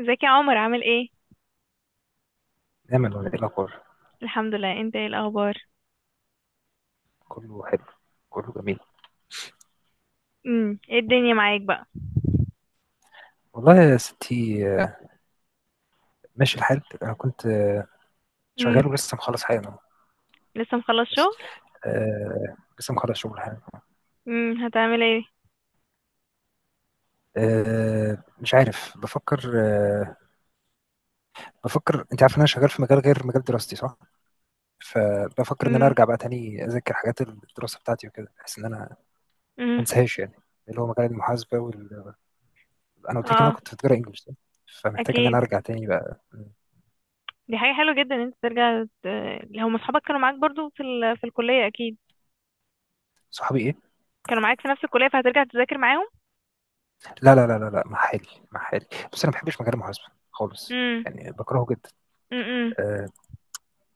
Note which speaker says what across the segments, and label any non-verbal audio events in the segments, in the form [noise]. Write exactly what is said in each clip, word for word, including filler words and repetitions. Speaker 1: ازيك يا عمر عامل ايه؟
Speaker 2: نعمل ولا ايه الاخبار؟
Speaker 1: الحمد لله. انت ايه الاخبار؟
Speaker 2: كله حلو. كله جميل.
Speaker 1: امم ايه الدنيا معاك بقى؟
Speaker 2: والله يا ستي، آه، ماشي الحال. انا كنت آه،
Speaker 1: امم
Speaker 2: شغال ولسه مخلص حالا أهو.
Speaker 1: لسه مخلص
Speaker 2: بس
Speaker 1: شغل؟
Speaker 2: آه، لسه مخلص شغل حالا.
Speaker 1: امم هتعمل ايه؟
Speaker 2: آه، مش عارف. بفكر آه، بفكر. انت عارف ان انا شغال في مجال غير مجال دراستي، صح؟ فبفكر ان انا
Speaker 1: امم
Speaker 2: ارجع بقى تاني اذاكر حاجات الدراسه بتاعتي وكده، بحيث ان انا ما
Speaker 1: امم
Speaker 2: انساهاش يعني، اللي هو مجال المحاسبه وال... انا قلت لك ان انا
Speaker 1: اه
Speaker 2: كنت بتجرى انجلش، صح؟ فمحتاج ان انا
Speaker 1: اكيد،
Speaker 2: ارجع تاني بقى.
Speaker 1: دي حاجه حلوه جدا ان انت ترجع ت- هم اصحابك كانوا معاك برضو في ال... في الكليه اكيد؟
Speaker 2: صحابي ايه؟
Speaker 1: كانوا معاك في نفس الكليه فهترجع تذاكر معاهم؟
Speaker 2: لا لا لا لا لا، محالي محالي. بس انا ما بحبش مجال المحاسبه خالص،
Speaker 1: امم
Speaker 2: يعني بكرهه جدا.
Speaker 1: امم
Speaker 2: أه،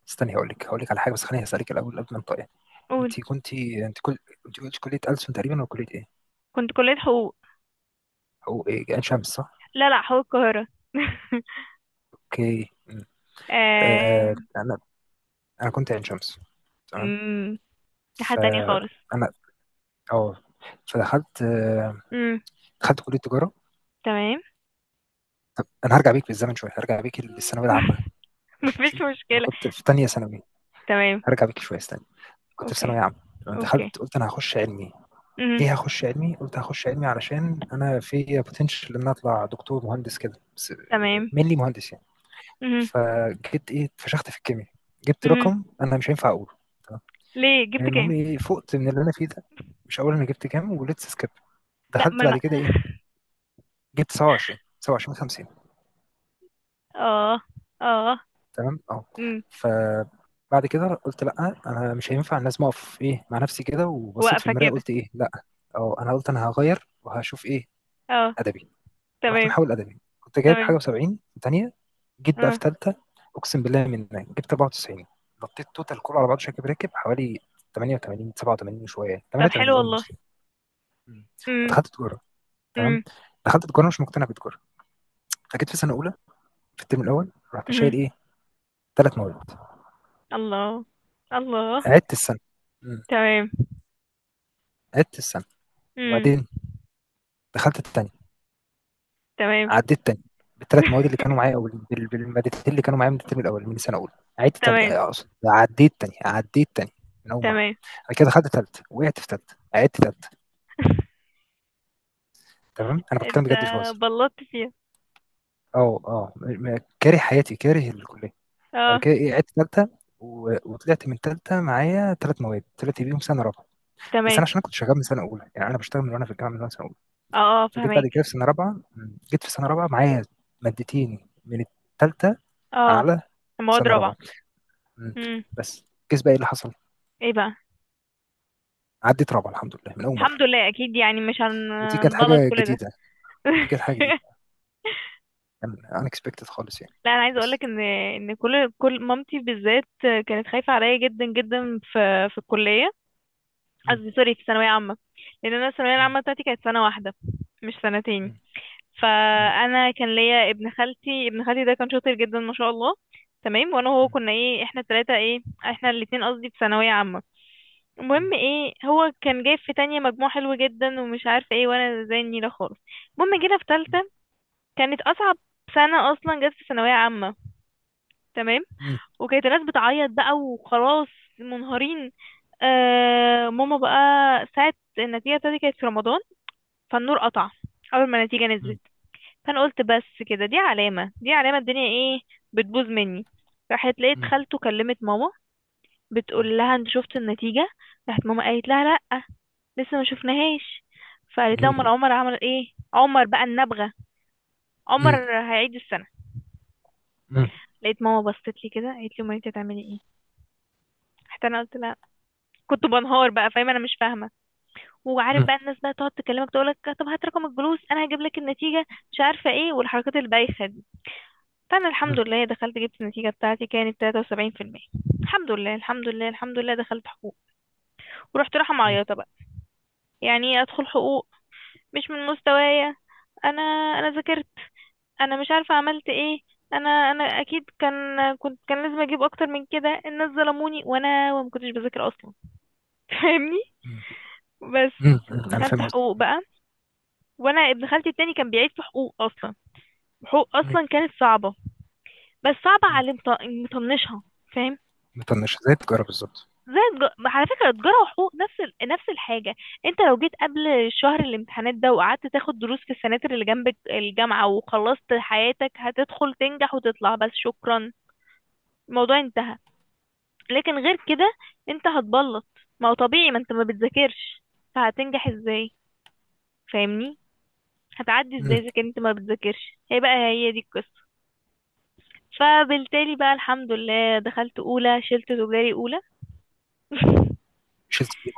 Speaker 2: استني، هقول لك هقول لك على حاجه، بس خليني اسالك الاول قبل ما انطق.
Speaker 1: قول.
Speaker 2: انت كنت انت كل انت قلت كليه ألسن تقريبا، ولا كليه ايه؟
Speaker 1: كنت كليه حقوق.
Speaker 2: او ايه، عين شمس، صح؟
Speaker 1: لا لا، حقوق القاهره.
Speaker 2: اوكي م.
Speaker 1: [laughs]
Speaker 2: أه،
Speaker 1: آه...
Speaker 2: انا انا كنت عين شمس. تمام.
Speaker 1: امم دي حاجه تانية خالص.
Speaker 2: فانا اه فدخلت آه،
Speaker 1: امم
Speaker 2: دخلت كليه تجاره.
Speaker 1: تمام.
Speaker 2: انا هرجع بيك بالزمن شويه، هرجع بيك للثانويه العامه.
Speaker 1: [laughs] مفيش
Speaker 2: ماشي، انا
Speaker 1: مشكله.
Speaker 2: كنت في تانية ثانوي.
Speaker 1: تمام.
Speaker 2: هرجع بيك شويه، استنى. كنت في
Speaker 1: اوكي،
Speaker 2: ثانويه عامه، تمام؟
Speaker 1: اوكي.
Speaker 2: دخلت، قلت انا هخش علمي.
Speaker 1: مهم.
Speaker 2: ليه هخش علمي؟ قلت هخش علمي علشان انا في بوتنشال ان أنا اطلع دكتور مهندس كده، بس
Speaker 1: تمام.
Speaker 2: مينلي مهندس يعني.
Speaker 1: مهم.
Speaker 2: فجيت ايه، اتفشخت في الكيمياء. جبت
Speaker 1: مهم.
Speaker 2: رقم انا مش هينفع اقوله، تمام؟
Speaker 1: ليه
Speaker 2: يعني
Speaker 1: جبت
Speaker 2: المهم
Speaker 1: كام؟
Speaker 2: ايه، فقت من اللي انا فيه ده. مش هقول انا جبت كام، وليتس سكيب.
Speaker 1: لا ما
Speaker 2: دخلت بعد
Speaker 1: انا.
Speaker 2: كده ايه؟ جبت سبعة وعشرين سبعة وعشرين خمسين.
Speaker 1: [laughs] اه. اه.
Speaker 2: تمام، اه،
Speaker 1: امم
Speaker 2: فبعد كده قلت لا، انا مش هينفع، لازم اقف ايه مع نفسي كده، وبصيت في
Speaker 1: واقفة
Speaker 2: المرايه
Speaker 1: كده.
Speaker 2: قلت ايه، لا. اه، انا قلت انا هغير وهشوف ايه،
Speaker 1: اه.
Speaker 2: ادبي. رحت
Speaker 1: تمام.
Speaker 2: محاول ادبي، كنت جايب حاجه
Speaker 1: تمام.
Speaker 2: وسبعين تانية. جيت بقى في
Speaker 1: اه.
Speaker 2: ثالثه، اقسم بالله من هناك جبت أربعة وتسعين. نطيت توتال كله على بعضه، شاكب راكب حوالي ثمانية وثمانين سبعة وثمانين وشويه
Speaker 1: طب
Speaker 2: ثمانية وثمانين،
Speaker 1: حلو والله.
Speaker 2: اولموست يعني. مم.
Speaker 1: امم
Speaker 2: فدخلت تجاره، تمام.
Speaker 1: امم
Speaker 2: دخلت تجاره، مش مقتنع بتجاره. فجيت في سنه اولى، في الترم الاول، رحت
Speaker 1: امم
Speaker 2: شايل ايه، ثلاث مواد.
Speaker 1: الله الله.
Speaker 2: عدت السنه. مم.
Speaker 1: تمام.
Speaker 2: عدت السنه
Speaker 1: امم
Speaker 2: وبعدين دخلت الثانيه.
Speaker 1: تمام.
Speaker 2: عديت تاني بالثلاث مواد اللي كانوا معايا،
Speaker 1: [laughs]
Speaker 2: او بال- بالمادتين اللي كانوا معايا من الترم الاول من سنه اولى. عدت تاني آه،
Speaker 1: تمام.
Speaker 2: آه، اقصد عديت تاني عديت تاني من اول مره.
Speaker 1: تمام.
Speaker 2: بعد كده دخلت ثالثه، وقعت في ثالثه، عدت ثالثه، تمام. انا بتكلم
Speaker 1: انت
Speaker 2: بجد، مش بهزر.
Speaker 1: بلطت فيها؟
Speaker 2: اه اه، م- م- كاره حياتي، كاره الكليه. بعد
Speaker 1: اه.
Speaker 2: كده ايه، عدت ثالثه، و- وطلعت من ثالثه معايا ثلاث مواد، طلعت بيهم سنه رابعه. بس
Speaker 1: تمام.
Speaker 2: انا، عشان أنا كنت شغال من سنه اولى، يعني انا بشتغل من وانا في الجامعه، من وانا سنه اولى.
Speaker 1: اه اه
Speaker 2: فجيت بعد
Speaker 1: فهمك.
Speaker 2: كده في سنه رابعه. م، جيت في سنه رابعه معايا مادتين من الثالثه،
Speaker 1: اه.
Speaker 2: على
Speaker 1: مواد
Speaker 2: سنه
Speaker 1: رابعة.
Speaker 2: رابعه. مم.
Speaker 1: امم
Speaker 2: بس كيس بقى، ايه اللي حصل؟
Speaker 1: ايه بقى؟
Speaker 2: عدت رابعه الحمد لله، من اول مره.
Speaker 1: الحمد لله اكيد، يعني مش
Speaker 2: ودي كانت
Speaker 1: هنبلط
Speaker 2: حاجه
Speaker 1: كل ده.
Speaker 2: جديده، ودي كانت حاجه جديده.
Speaker 1: [laughs]
Speaker 2: ان اكسبكتد خالص يعني.
Speaker 1: لا انا عايزه
Speaker 2: بس.
Speaker 1: اقولك ان ان كل كل مامتي بالذات كانت خايفه عليا جدا جدا في في الكليه.
Speaker 2: مم.
Speaker 1: قصدي سوري، في ثانويه عامه. لان انا الثانويه
Speaker 2: مم.
Speaker 1: العامه بتاعتي كانت سنه واحده، مش سنتين.
Speaker 2: مم. مم.
Speaker 1: فانا كان ليا ابن خالتي ابن خالتي ده كان شاطر جدا ما شاء الله. تمام. وانا وهو
Speaker 2: مم.
Speaker 1: كنا ايه، احنا التلاته ايه، احنا الاتنين قصدي، في ثانويه عامه.
Speaker 2: مم.
Speaker 1: المهم ايه، هو كان جايب في تانية مجموع حلو جدا ومش عارفه ايه، وانا زي النيله خالص. المهم جينا في تالته، كانت اصعب سنه اصلا جت في ثانويه عامه. تمام.
Speaker 2: مم.
Speaker 1: وكانت الناس بتعيط بقى وخلاص، منهارين. آه ماما بقى، ساعة النتيجة بتاعتي كانت في رمضان، فالنور قطع أول ما النتيجة
Speaker 2: مم.
Speaker 1: نزلت. فأنا قلت بس كده، دي علامة، دي علامة الدنيا ايه، بتبوظ مني. راحت لقيت
Speaker 2: مم.
Speaker 1: خالته كلمت ماما، بتقول لها انت شفت النتيجة؟ راحت ماما قالت لها لأ، لسه ما شفناهاش. فقالت لها امال
Speaker 2: مم.
Speaker 1: عمر عمل ايه؟ عمر بقى النبغة.
Speaker 2: مم.
Speaker 1: عمر
Speaker 2: مم.
Speaker 1: هيعيد السنة.
Speaker 2: مم.
Speaker 1: لقيت ماما بصت لي كده قالت لي امال انت هتعملي ايه؟ حتى انا قلت لها، كنت بنهار بقى، فاهمة انا مش فاهمة. وعارف
Speaker 2: مم.
Speaker 1: بقى الناس بقى تقعد تكلمك تقولك طب هات رقم الجلوس انا هجيب لك النتيجه، مش عارفه ايه، والحركات البايخه دي. فانا الحمد لله دخلت جبت النتيجه بتاعتي كانت ثلاث وسبعين في المية. الحمد لله، الحمد لله، الحمد لله، دخلت حقوق. ورحت رايحه
Speaker 2: مم.
Speaker 1: معيطه بقى، يعني ايه ادخل حقوق؟ مش من مستوايا. انا انا ذاكرت، انا مش عارفه عملت ايه، انا انا اكيد كان، كنت كان لازم اجيب اكتر من كده، الناس ظلموني، وانا وما كنتش بذاكر اصلا. [laughs] فاهمني؟
Speaker 2: مم.
Speaker 1: بس
Speaker 2: مم. انا
Speaker 1: دخلت
Speaker 2: فاهم قصدي.
Speaker 1: حقوق بقى. وانا ابن خالتي التاني كان بيعيد في حقوق اصلا. حقوق
Speaker 2: مم.
Speaker 1: اصلا كانت صعبه، بس صعبه
Speaker 2: مم.
Speaker 1: على اللي مط- مطنشها. فاهم؟
Speaker 2: مطنشه زي التجاره بالظبط.
Speaker 1: زي الج... على فكره تجاره وحقوق نفس ال... نفس الحاجه. انت لو جيت قبل شهر الامتحانات ده وقعدت تاخد دروس في السناتر اللي جنب الجامعه وخلصت حياتك، هتدخل تنجح وتطلع، بس شكرا. الموضوع انتهى. لكن غير كده انت هتبلط. ما هو طبيعي، ما انت ما بتذاكرش، فهتنجح ازاي؟ فاهمني؟ هتعدي ازاي
Speaker 2: مم.
Speaker 1: اذا كنت ما بتذاكرش؟ هي بقى هي دي القصه. فبالتالي بقى الحمد لله دخلت اولى شلت تجاري اولى. [laughs]
Speaker 2: مش دي.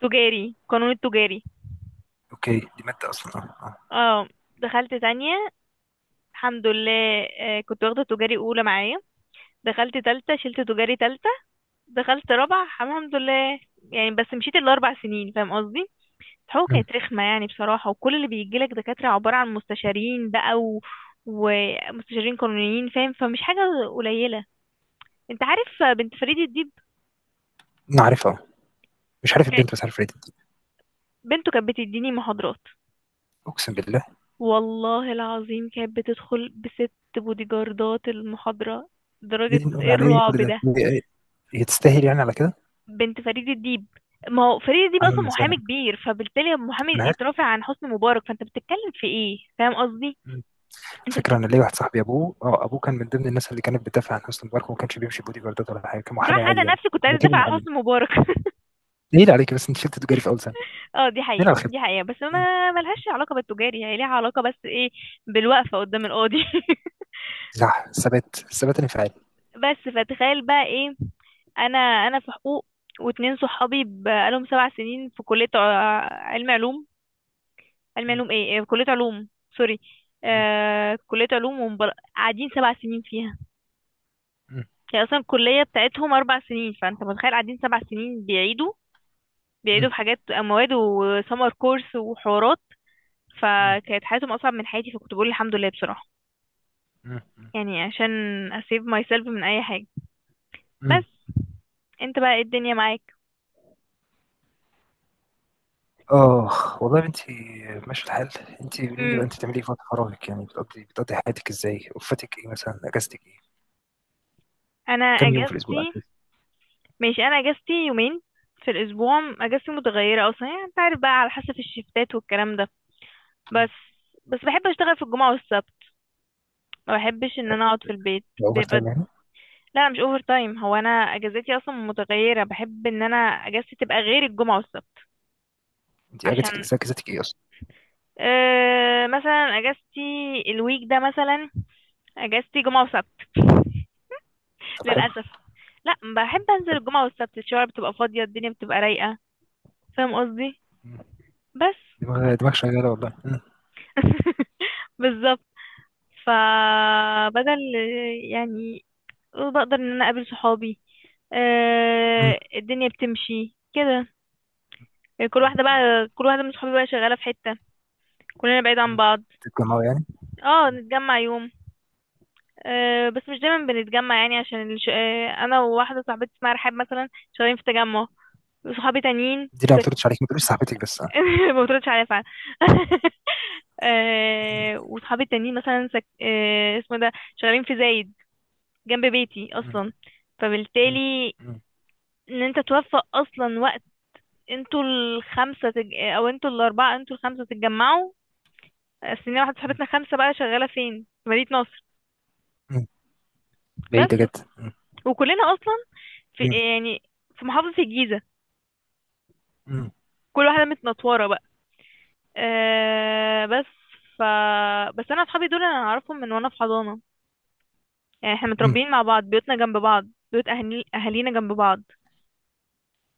Speaker 1: تجاري، قانون التجاري.
Speaker 2: اوكي، دي ماده اصلا، اه اه.
Speaker 1: اه. دخلت تانية الحمد لله، آه، كنت واخدة تجاري أولى معايا. دخلت تالتة شلت تجاري تالتة. دخلت رابعة الحمد لله. يعني بس مشيت الأربع سنين، فاهم قصدي؟ الحقوق
Speaker 2: مم.
Speaker 1: كانت رخمة يعني بصراحة، وكل اللي بيجيلك دكاترة عبارة عن مستشارين بقى و... ومستشارين قانونيين، فاهم؟ فمش حاجة قليلة. انت عارف بنت فريد الديب؟
Speaker 2: انا عارفها. مش عارف
Speaker 1: ك-
Speaker 2: البنت، بس عارف ريدت.
Speaker 1: بنته كانت بتديني محاضرات.
Speaker 2: اقسم بالله.
Speaker 1: والله العظيم كانت بتدخل بست بودي جاردات المحاضرة.
Speaker 2: يا
Speaker 1: درجة
Speaker 2: دين أمي
Speaker 1: ايه
Speaker 2: على إيه
Speaker 1: الرعب
Speaker 2: كل ده؟
Speaker 1: ده؟
Speaker 2: هي هي تستاهل يعني على كده؟
Speaker 1: بنت فريد الديب. ما هو فريد الديب اصلا
Speaker 2: أهلا وسهلا.
Speaker 1: محامي كبير، فبالتالي محامي
Speaker 2: أنا عارف.
Speaker 1: اترافع عن حسني مبارك، فانت بتتكلم في ايه؟ فاهم قصدي؟
Speaker 2: مم.
Speaker 1: انت
Speaker 2: فكرة،
Speaker 1: بت...
Speaker 2: أنا ليا واحد صاحبي، أبوه أه أبوه كان من ضمن الناس اللي كانت بتدافع عن حسني مبارك، وما كانش بيمشي بودي جاردات ولا حاجة، كان محامي
Speaker 1: بصراحة
Speaker 2: عادي
Speaker 1: انا
Speaker 2: يعني.
Speaker 1: نفسي كنت
Speaker 2: كان
Speaker 1: عايزة
Speaker 2: وكيل
Speaker 1: ادافع عن
Speaker 2: محامي.
Speaker 1: حسني مبارك. [laughs]
Speaker 2: نيل عليك، بس أنت شلت تجاري في أول سنة.
Speaker 1: اه دي
Speaker 2: نيل
Speaker 1: حقيقة،
Speaker 2: على
Speaker 1: دي
Speaker 2: خيبتك.
Speaker 1: حقيقة، بس
Speaker 2: مم.
Speaker 1: ما ملهاش علاقة بالتجاري، هي ليها علاقة بس ايه، بالوقفة قدام القاضي. [laughs]
Speaker 2: صح، ثبات، ثبات انفعالي.
Speaker 1: بس فتخيل بقى ايه، انا انا في حقوق، واتنين صحابي بقالهم سبع سنين في كلية ع- علم علوم، علم
Speaker 2: مم.
Speaker 1: علوم ايه، إيه، كلية علوم، سوري،
Speaker 2: مم.
Speaker 1: آه كلية علوم. ومبر... قاعدين سبع سنين فيها.
Speaker 2: مم.
Speaker 1: هي اصلا الكلية بتاعتهم اربع سنين، فانت متخيل قاعدين سبع سنين بيعيدوا،
Speaker 2: مم.
Speaker 1: بيعيدوا في حاجات مواد وسمر كورس وحوارات.
Speaker 2: مم.
Speaker 1: فكانت حياتهم اصعب من حياتي، فكنت بقول الحمد لله بصراحة.
Speaker 2: مم.
Speaker 1: يعني عشان اسيب ماي سيلف من اي حاجة.
Speaker 2: مم.
Speaker 1: بس انت بقى ايه الدنيا معاك؟
Speaker 2: آه، والله يا بنتي، ماشي الحال. أنت قولي لي
Speaker 1: امم
Speaker 2: بقى، أنت بتعملي إيه في وقت فراغك؟ يعني بتقضي بتقضي حياتك إزاي؟ وقفتك إيه مثلا؟ أجازتك إيه؟
Speaker 1: انا
Speaker 2: كم يوم في الأسبوع؟
Speaker 1: اجازتي،
Speaker 2: أجازة؟
Speaker 1: ماشي، انا اجازتي يومين في الاسبوع. اجازتي متغيره اصلا، يعني انت عارف بقى على حسب الشفتات والكلام ده.
Speaker 2: مم.
Speaker 1: بس بس بحب اشتغل في الجمعه والسبت، ما بحبش ان انا اقعد في البيت
Speaker 2: أوفر
Speaker 1: بيبقى.
Speaker 2: تايم يعني؟
Speaker 1: لا انا مش اوفر تايم، هو انا اجازتي اصلا متغيره، بحب ان انا اجازتي تبقى غير الجمعه والسبت،
Speaker 2: انت اجتك
Speaker 1: عشان
Speaker 2: ذاكرتك ايه اصلا؟
Speaker 1: أه مثلا اجازتي الويك ده مثلا، اجازتي جمعه وسبت
Speaker 2: طب حلو.
Speaker 1: للاسف. لا، بحب انزل
Speaker 2: حلو.
Speaker 1: الجمعه والسبت، الشوارع بتبقى فاضيه، الدنيا بتبقى رايقه، فاهم قصدي؟
Speaker 2: مم.
Speaker 1: بس.
Speaker 2: دماغ دماغ شغاله والله. مم.
Speaker 1: بالظبط. فبدل يعني، بقدر ان انا اقابل صحابي.
Speaker 2: مم.
Speaker 1: آه الدنيا بتمشي كده يعني. كل
Speaker 2: مم.
Speaker 1: واحدة
Speaker 2: مم.
Speaker 1: بقى، كل واحدة من صحابي بقى شغالة في حتة، كلنا بعيد عن
Speaker 2: مم.
Speaker 1: بعض.
Speaker 2: تتجمعوا يعني.
Speaker 1: اه
Speaker 2: مم.
Speaker 1: نتجمع يوم، آه بس مش دايما بنتجمع، يعني عشان الش... آه انا وواحدة صاحبتي اسمها رحاب مثلا شغالين في تجمع، وصحابي تانيين
Speaker 2: دي
Speaker 1: في
Speaker 2: لو ما
Speaker 1: سك...
Speaker 2: بتردش عليك ما تقوليش صاحبتك بس آه.
Speaker 1: [laughs] ما بتردش عليا فعلا. [laughs]
Speaker 2: مم.
Speaker 1: آه وصحابي التانيين مثلا سك... آه اسمه إيه ده، شغالين في زايد، جنب بيتي
Speaker 2: مم.
Speaker 1: اصلا.
Speaker 2: مم.
Speaker 1: فبالتالي
Speaker 2: مم.
Speaker 1: ان انت توفق اصلا وقت انتوا الخمسه تج... او انتوا الاربعه، انتوا الخمسه تتجمعوا. السنين واحده
Speaker 2: مم.
Speaker 1: صاحبتنا خمسه بقى شغاله فين في مدينه نصر.
Speaker 2: مم. بعيده
Speaker 1: بس
Speaker 2: جدا. مم.
Speaker 1: وكلنا اصلا في
Speaker 2: مم.
Speaker 1: يعني في محافظه الجيزه.
Speaker 2: مم.
Speaker 1: كل واحده متنطوره بقى. آه بس ف، بس انا اصحابي دول انا اعرفهم من وانا في حضانه، يعني احنا
Speaker 2: مم.
Speaker 1: متربيين مع بعض، بيوتنا جنب بعض، بيوت اهالي اهالينا جنب بعض.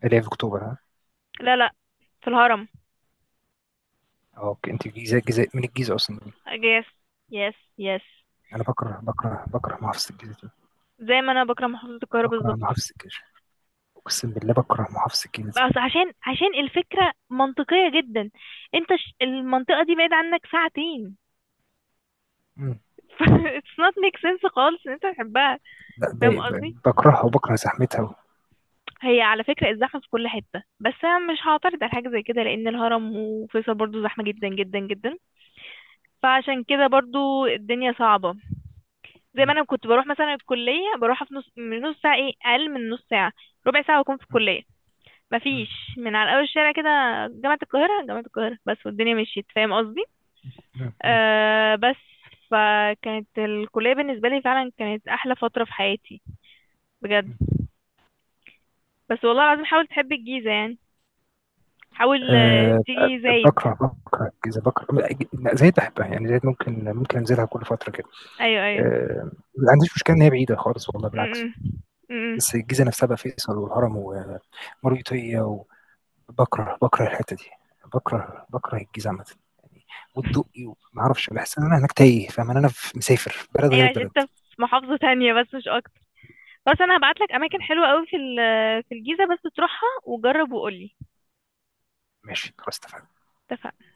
Speaker 2: اللي هي في اكتوبر، ها؟
Speaker 1: لا لا، في الهرم.
Speaker 2: اه، اوكي، انت الجيزه، الجيزه من الجيزه اصلا.
Speaker 1: يس، يس يس.
Speaker 2: انا بكره بكره بكره محافظه الجيزه دي.
Speaker 1: زي ما انا بكره محافظه القاهره
Speaker 2: بكره
Speaker 1: بالظبط.
Speaker 2: محافظه الجيزه، اقسم بالله بكره محافظه الجيزه دي.
Speaker 1: بس عشان عشان الفكرة منطقية جدا، انت ش... المنطقة دي بعيد عنك ساعتين.
Speaker 2: مم.
Speaker 1: [laughs] ف it's not make sense خالص ان انت تحبها.
Speaker 2: ب-
Speaker 1: فاهم
Speaker 2: ب- ب-
Speaker 1: قصدي؟
Speaker 2: بكرهها، وبكره زحمتها و...
Speaker 1: هي على فكرة الزحمة في كل حتة، بس انا مش هعترض على حاجة زي كده لان الهرم وفيصل برضو زحمة جدا جدا جدا. فعشان كده برضو الدنيا صعبة. زي ما
Speaker 2: مم.
Speaker 1: انا كنت بروح مثلا الكلية، بروحها في نص من نص ساعة، ايه اقل من نص ساعة، ربع ساعة واكون في الكلية. مفيش،
Speaker 2: مم.
Speaker 1: من على اول الشارع كده، جامعة القاهرة، جامعة القاهرة بس، والدنيا مشيت، فاهم قصدي؟
Speaker 2: مم.
Speaker 1: أه بس فكانت الكلية بالنسبة لي فعلا كانت أحلى فترة في حياتي بجد.
Speaker 2: مم.
Speaker 1: بس والله العظيم حاول تحب الجيزة يعني، حاول آه،
Speaker 2: آه،
Speaker 1: تيجي زايد.
Speaker 2: بكره بكره الجيزه، بكره. زايد بحبها يعني، زايد ممكن ممكن انزلها كل فتره كده.
Speaker 1: أيوه أيوه.
Speaker 2: آه، ما عنديش مشكله ان هي بعيده خالص والله، بالعكس.
Speaker 1: م-م. م-م.
Speaker 2: بس الجيزه نفسها بقى، فيصل والهرم ومريوطيه، وبكره بكره الحته دي، بكره بكره الجيزه عامه يعني.
Speaker 1: [laughs]
Speaker 2: والدقي، وما اعرفش، بحس ان انا هناك تايه، فاهم إن انا في- مسافر، في بلد غير
Speaker 1: أيوه عشان
Speaker 2: البلد.
Speaker 1: أنت في محافظة تانية بس مش أكتر. بس أنا هبعتلك أماكن
Speaker 2: مم،
Speaker 1: حلوة أوي في ال- في الجيزة بس تروحها وجرب وقولي.
Speaker 2: ماشي، خلاص، اتفقنا.
Speaker 1: اتفقنا.